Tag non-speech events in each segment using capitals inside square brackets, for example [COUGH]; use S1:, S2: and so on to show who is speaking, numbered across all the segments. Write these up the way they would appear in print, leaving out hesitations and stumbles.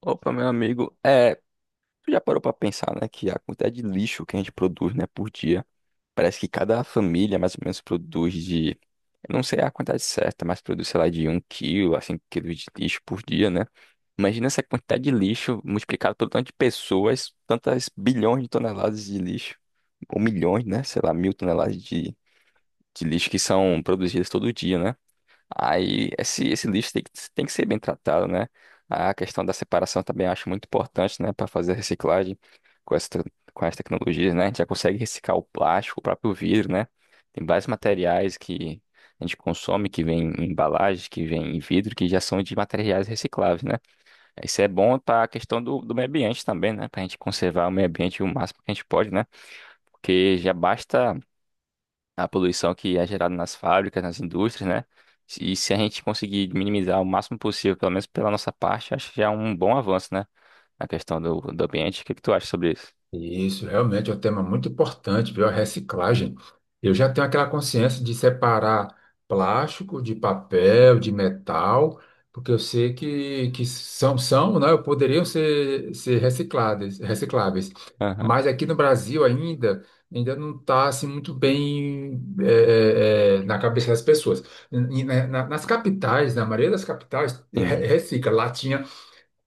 S1: Opa, meu amigo, tu já parou pra pensar, né, que a quantidade de lixo que a gente produz, né, por dia, parece que cada família mais ou menos eu não sei a quantidade certa, mas produz, sei lá, de um quilo a 5 quilos de lixo por dia, né? Imagina essa quantidade de lixo multiplicado pelo tanto de pessoas, tantas bilhões de toneladas de lixo, ou milhões, né, sei lá, mil de lixo que são produzidas todo dia, né? Aí esse lixo tem que ser bem tratado, né? A questão da separação também eu acho muito importante, né, para fazer a reciclagem com as tecnologias, né? A gente já consegue reciclar o plástico, o próprio vidro, né? Tem vários materiais que a gente consome, que vem em embalagem, que vem em vidro, que já são de materiais recicláveis, né? Isso é bom para a questão do meio ambiente também, né? Para a gente conservar o meio ambiente o máximo que a gente pode, né? Porque já basta a poluição que é gerada nas fábricas, nas indústrias, né? E se a gente conseguir minimizar o máximo possível, pelo menos pela nossa parte, acho que já é um bom avanço, né? Na questão do ambiente. O que que tu acha sobre isso?
S2: Isso, realmente é um tema muito importante, viu? A reciclagem. Eu já tenho aquela consciência de separar plástico de papel, de metal, porque eu sei que são, né? Poderiam ser, ser recicladas, recicláveis.
S1: Aham.
S2: Mas aqui no Brasil ainda, ainda não está assim, muito bem na cabeça das pessoas. E nas capitais, na maioria das capitais,
S1: Sim.
S2: recicla latinha.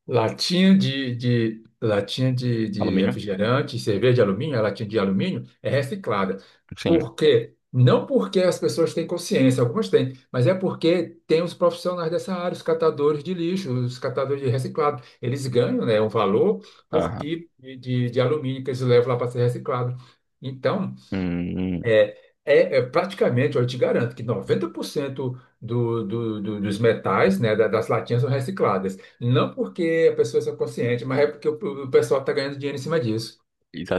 S2: Latinha de
S1: Alumínio?
S2: refrigerante, cerveja de alumínio, a latinha de alumínio é reciclada.
S1: Sim.
S2: Por quê? Não porque as pessoas têm consciência, algumas têm, mas é porque tem os profissionais dessa área, os catadores de lixo, os catadores de reciclado. Eles ganham, né, um valor por
S1: Aham.
S2: quilo de alumínio que eles levam lá para ser reciclado. Então,
S1: Hum,
S2: é, é praticamente, eu te garanto que 90% dos metais, né, das latinhas são recicladas. Não porque a pessoa é consciente, mas é porque o pessoal está ganhando dinheiro em cima disso.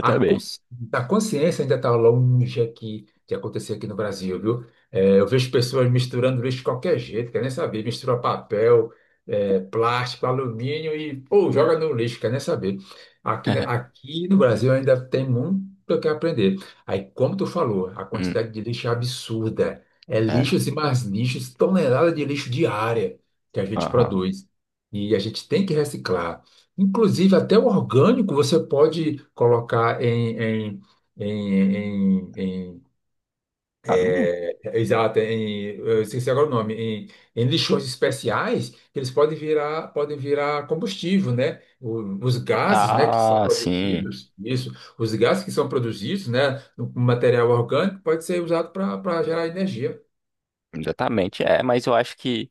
S2: A, consci- a consciência ainda está longe aqui de acontecer aqui no Brasil, viu? É, eu vejo pessoas misturando lixo de qualquer jeito, quer nem saber, mistura papel, plástico, alumínio e, pô, joga no lixo, quer nem saber. Aqui,
S1: [LAUGHS]
S2: aqui no Brasil ainda tem muito o que aprender. Aí, como tu falou, a
S1: Hum,
S2: quantidade de lixo é absurda. É
S1: é.
S2: lixos e mais lixos, tonelada de lixo diária que a gente
S1: Aham.
S2: produz. E a gente tem que reciclar. Inclusive, até o orgânico você pode colocar em, em, em-
S1: Tá bom.
S2: exato, eu esqueci agora o nome, em, em lixões especiais, que eles podem virar combustível, né? Os gases, né, que são
S1: Ah, sim.
S2: produzidos, isso, os gases que são produzidos, né, no material orgânico pode ser usado para gerar energia.
S1: Exatamente. É, mas eu acho que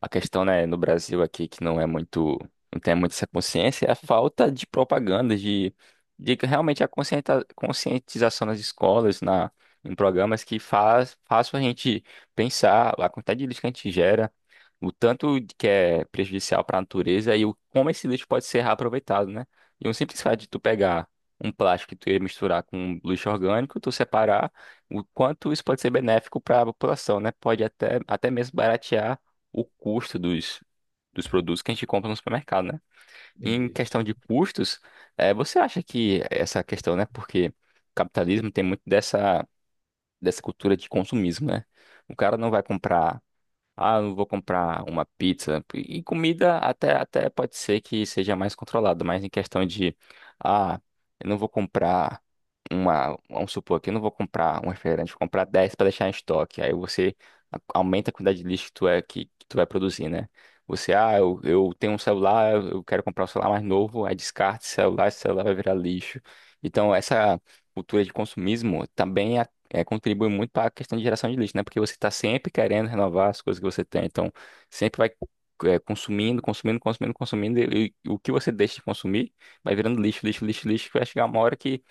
S1: a questão, né, no Brasil aqui que não é muito, não tem muito essa consciência, é a falta de propaganda, de que realmente a conscientização nas escolas, na, em programas que façam a gente pensar a quantidade de lixo que a gente gera, o tanto de que é prejudicial para a natureza e o, como esse lixo pode ser reaproveitado, né? E um simples fato de tu pegar um plástico que tu ia misturar com um lixo orgânico, tu separar, o quanto isso pode ser benéfico para a população, né? Pode até mesmo baratear o custo dos produtos que a gente compra no supermercado, né? E em questão
S2: Isso,
S1: de custos, você acha que essa questão, né? Porque o capitalismo tem muito dessa cultura de consumismo, né? O cara não vai comprar, ah, eu não vou comprar uma pizza. E comida até pode ser que seja mais controlada, mas em questão de, ah, eu não vou comprar uma, vamos supor que eu não vou comprar um refrigerante, vou comprar 10 para deixar em estoque. Aí você aumenta a quantidade de lixo que que tu vai produzir, né? Você, ah, eu tenho um celular, eu quero comprar um celular mais novo, aí descarta esse celular vai virar lixo. Então, essa cultura de consumismo também contribui muito para a questão de geração de lixo, né? Porque você está sempre querendo renovar as coisas que você tem. Então, sempre vai consumindo, consumindo, consumindo, consumindo, e o que você deixa de consumir vai virando lixo, lixo, lixo, lixo, que vai chegar uma hora que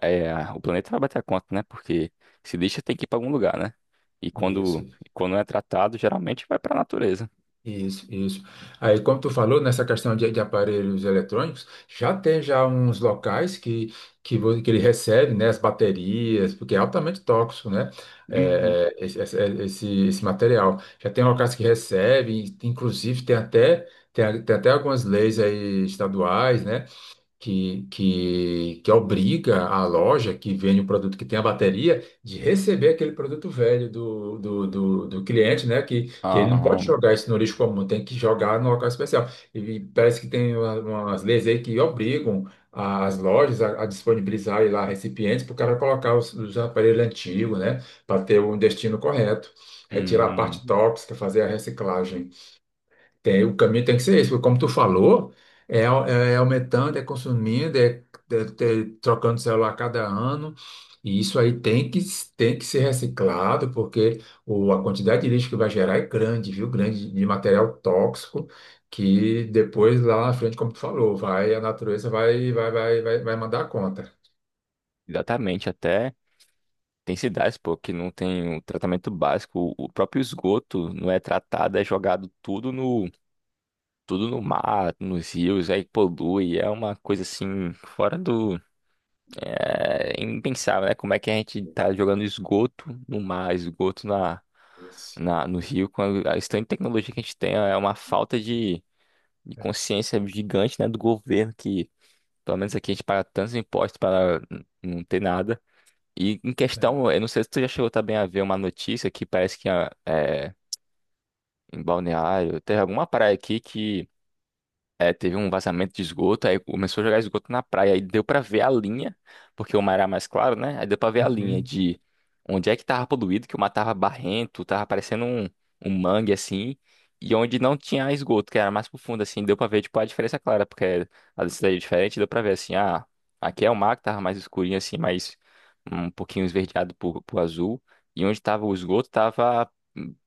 S1: é, o planeta vai bater a conta, né? Porque se lixo tem que ir para algum lugar, né? E quando,
S2: isso.
S1: e quando é tratado, geralmente vai para a natureza.
S2: Isso, isso. Aí, como tu falou, nessa questão de aparelhos eletrônicos, já tem já uns locais que ele recebe, né, as baterias, porque é altamente tóxico, né,
S1: Uhum.
S2: esse material. Já tem locais que recebem, inclusive tem até, tem, tem até algumas leis aí estaduais, né, que obriga a loja que vende o produto que tem a bateria de receber aquele produto velho do cliente, né? Que ele não
S1: Ah,
S2: pode jogar isso no lixo comum, tem que jogar no local especial. E parece que tem umas leis aí que obrigam as lojas a disponibilizar aí lá recipientes para o cara colocar os aparelhos antigos, né? Para ter um destino correto. Retirar a parte
S1: hum,
S2: tóxica, fazer a reciclagem. Tem, o caminho tem que ser esse, porque como tu falou, é, é aumentando, é consumindo, é trocando celular a cada ano, e isso aí tem que, tem que ser reciclado, porque a quantidade de lixo que vai gerar é grande, viu? Grande de material tóxico, que depois lá na frente, como tu falou, vai, a natureza vai mandar a conta.
S1: exatamente, até tem cidades, pô, que não tem o tratamento básico. O próprio esgoto não é tratado, é jogado tudo no mar, nos rios, aí polui. É uma coisa assim, fora do. É impensável, né? Como é que a gente tá jogando esgoto no mar,
S2: Isso.
S1: no rio, com a estante de tecnologia que a gente tem, é uma falta de
S2: É,
S1: consciência gigante, né, do governo, que pelo menos aqui a gente paga tantos impostos para não ter nada. E em questão,
S2: é.
S1: eu não sei se tu já chegou também a ver uma notícia que parece que ah, é, em Balneário, teve alguma praia aqui é, teve um vazamento de esgoto, aí começou a jogar esgoto na praia, aí deu pra ver a linha, porque o mar era mais claro, né? Aí deu pra ver a linha
S2: Uhum.
S1: de onde é que tava poluído, que o mar tava barrento, tava parecendo um, um mangue assim, e onde não tinha esgoto, que era mais profundo assim, deu pra ver tipo a diferença clara, porque a densidade é diferente, deu pra ver assim, ah, aqui é o mar que tava mais escurinho assim, mais um pouquinho esverdeado pro azul, e onde tava o esgoto tava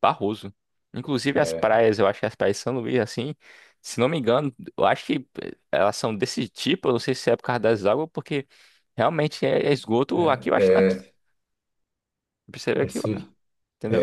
S1: barroso. Inclusive as
S2: É,
S1: praias, eu acho que as praias de São Luís assim, se não me engano, eu acho que elas são desse tipo, eu não sei se é por causa das águas, porque realmente é esgoto aqui, eu acho que aqui.
S2: é,
S1: Percebeu
S2: é.
S1: aqui, ó, entendeu?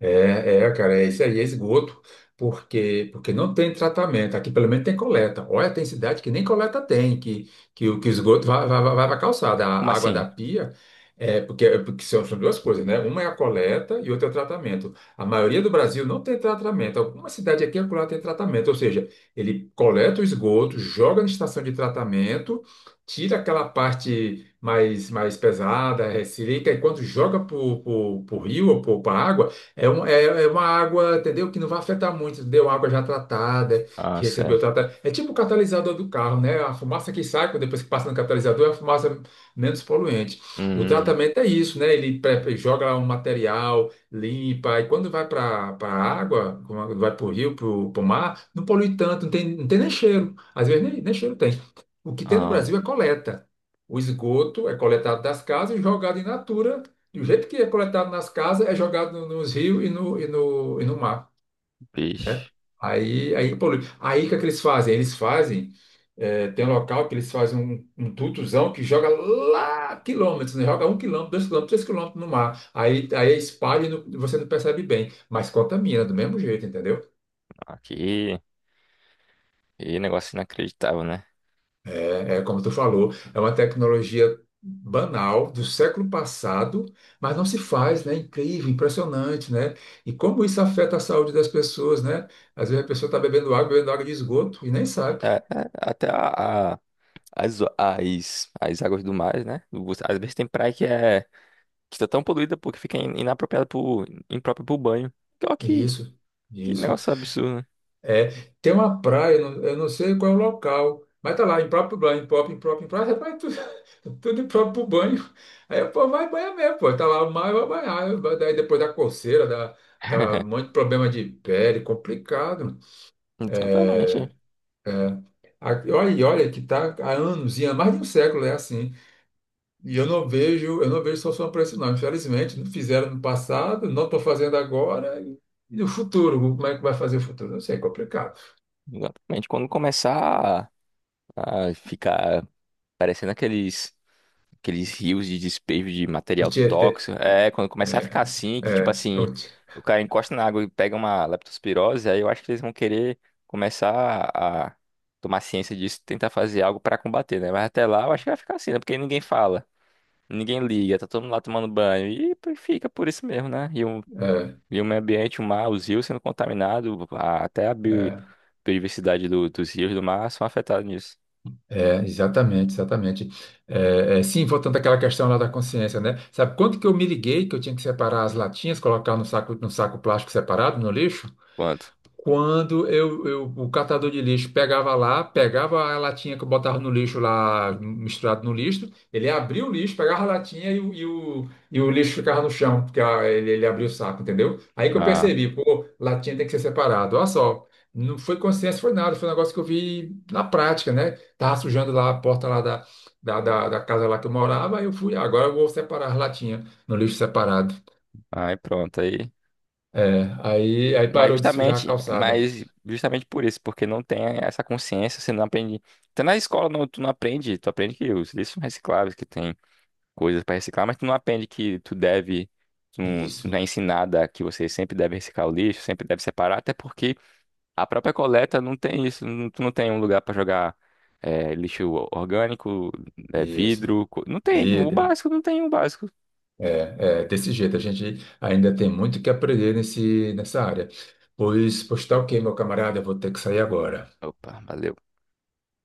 S2: É, é, cara, é isso aí, é esgoto, porque não tem tratamento. Aqui pelo menos tem coleta. Olha, tem cidade que nem coleta tem, o que o esgoto vai, vai para a calçada.
S1: Como
S2: A água da
S1: assim?
S2: pia, é, porque são, são duas coisas, né? Uma é a coleta e outra é o tratamento. A maioria do Brasil não tem tratamento. Alguma cidade aqui e acolá tem tratamento, ou seja, ele coleta o esgoto, joga na estação de tratamento, tira aquela parte mais, mais pesada, resseca, e quando joga para o rio ou para a água. É, é uma água, entendeu? Que não vai afetar muito, entendeu? Água já tratada,
S1: Ah,
S2: que recebeu
S1: certo.
S2: tratamento. É tipo o catalisador do carro, né? A fumaça que sai depois que passa no catalisador é a fumaça menos poluente. O
S1: Hum,
S2: tratamento é isso, né? Ele joga lá um material, limpa, e quando vai para a água, quando vai para o rio, para o mar, não polui tanto, não tem, não tem nem cheiro. Às vezes nem, nem cheiro tem. O que tem no
S1: ah,
S2: Brasil é coleta. O esgoto é coletado das casas e jogado em natura do jeito que é coletado nas casas, é jogado nos rios e no mar.
S1: bicho.
S2: Aí, aí, polui. Aí, o que é que eles fazem? Eles fazem, é, tem um local que eles fazem um tutuzão que joga lá quilômetros, né? Joga um quilômetro, dois quilômetros, três quilômetros no mar. Aí, aí é espalha e você não percebe bem, mas contamina do mesmo jeito, entendeu?
S1: Aqui. E negócio inacreditável, né?
S2: É como tu falou, é uma tecnologia banal do século passado, mas não se faz, né? Incrível, impressionante, né? E como isso afeta a saúde das pessoas, né? Às vezes a pessoa está bebendo água de esgoto e nem sabe.
S1: É, é, até as águas do mar, né? Você, às vezes tem praia que é que tá tão poluída porque fica inapropriada pro, imprópria pro banho. Então,
S2: Isso,
S1: que
S2: isso.
S1: negócio absurdo, né?
S2: É, tem uma praia, eu não sei qual é o local, mas tá lá, impróprio banho, impróprio, impróprio, impróprio, rapaz, tudo, [LAUGHS] tudo impróprio pro banho. Aí, pô, vai banhar mesmo, pô, tá lá o mar, vai banhar. Daí depois da coceira, dá, dá um
S1: [LAUGHS]
S2: monte de problema de pele, complicado.
S1: Totalmente.
S2: É, é. E olha, e olha que está há anos, e há mais de um século é assim. E eu não vejo solução para isso, não. Infelizmente, não fizeram no passado, não estou fazendo agora. E no futuro, como é que vai fazer o futuro? Não sei, é complicado.
S1: Exatamente. Quando começar. Ah, fica parecendo aqueles rios de despejo de
S2: O
S1: material
S2: Tietê,
S1: tóxico. É, quando começar a ficar assim, que tipo
S2: é,
S1: assim, o cara encosta na água e pega uma leptospirose, aí eu acho que eles vão querer começar a tomar ciência disso, tentar fazer algo pra combater, né? Mas até lá eu acho que vai ficar assim, né? Porque ninguém fala, ninguém liga, tá todo mundo lá tomando banho e fica por isso mesmo, né?
S2: é,
S1: E o meio ambiente, o mar, os rios sendo contaminados, até a
S2: é,
S1: biodiversidade dos rios do mar são afetados nisso.
S2: exatamente, exatamente. É, é, sim, voltando àquela questão lá da consciência, né? Sabe quanto que eu me liguei que eu tinha que separar as latinhas, colocar no saco, no saco plástico separado, no lixo?
S1: Quanto?
S2: Quando o catador de lixo pegava lá, pegava a latinha que eu botava no lixo lá, misturado no lixo, ele abria o lixo, pegava a latinha e o e o lixo ficava no chão, porque ah, ele abria o saco, entendeu? Aí que eu percebi, pô, latinha tem que ser separado. Olha só, não foi consciência, foi nada, foi um negócio que eu vi na prática, né? Tava sujando lá a porta lá da casa lá que eu morava, aí eu fui, "Ah, agora eu vou separar as latinhas no lixo separado."
S1: Aí pronto, aí.
S2: É, aí parou de sujar a calçada.
S1: Mas justamente por isso, porque não tem essa consciência, você não aprende. Até na escola não, tu não aprende, tu aprende que os lixos são recicláveis, que tem coisas para reciclar, mas tu não aprende que tu deve, tu
S2: Isso,
S1: não é ensinada que você sempre deve reciclar o lixo, sempre deve separar, até porque a própria coleta não tem isso, tu não tem um lugar para jogar lixo orgânico,
S2: isso.
S1: vidro, não tem, o
S2: Vidro,
S1: básico não tem o básico.
S2: é, é, desse jeito, a gente ainda tem muito que aprender nessa área. Pois, pois tá ok, meu camarada, eu vou ter que sair agora.
S1: Opa, valeu.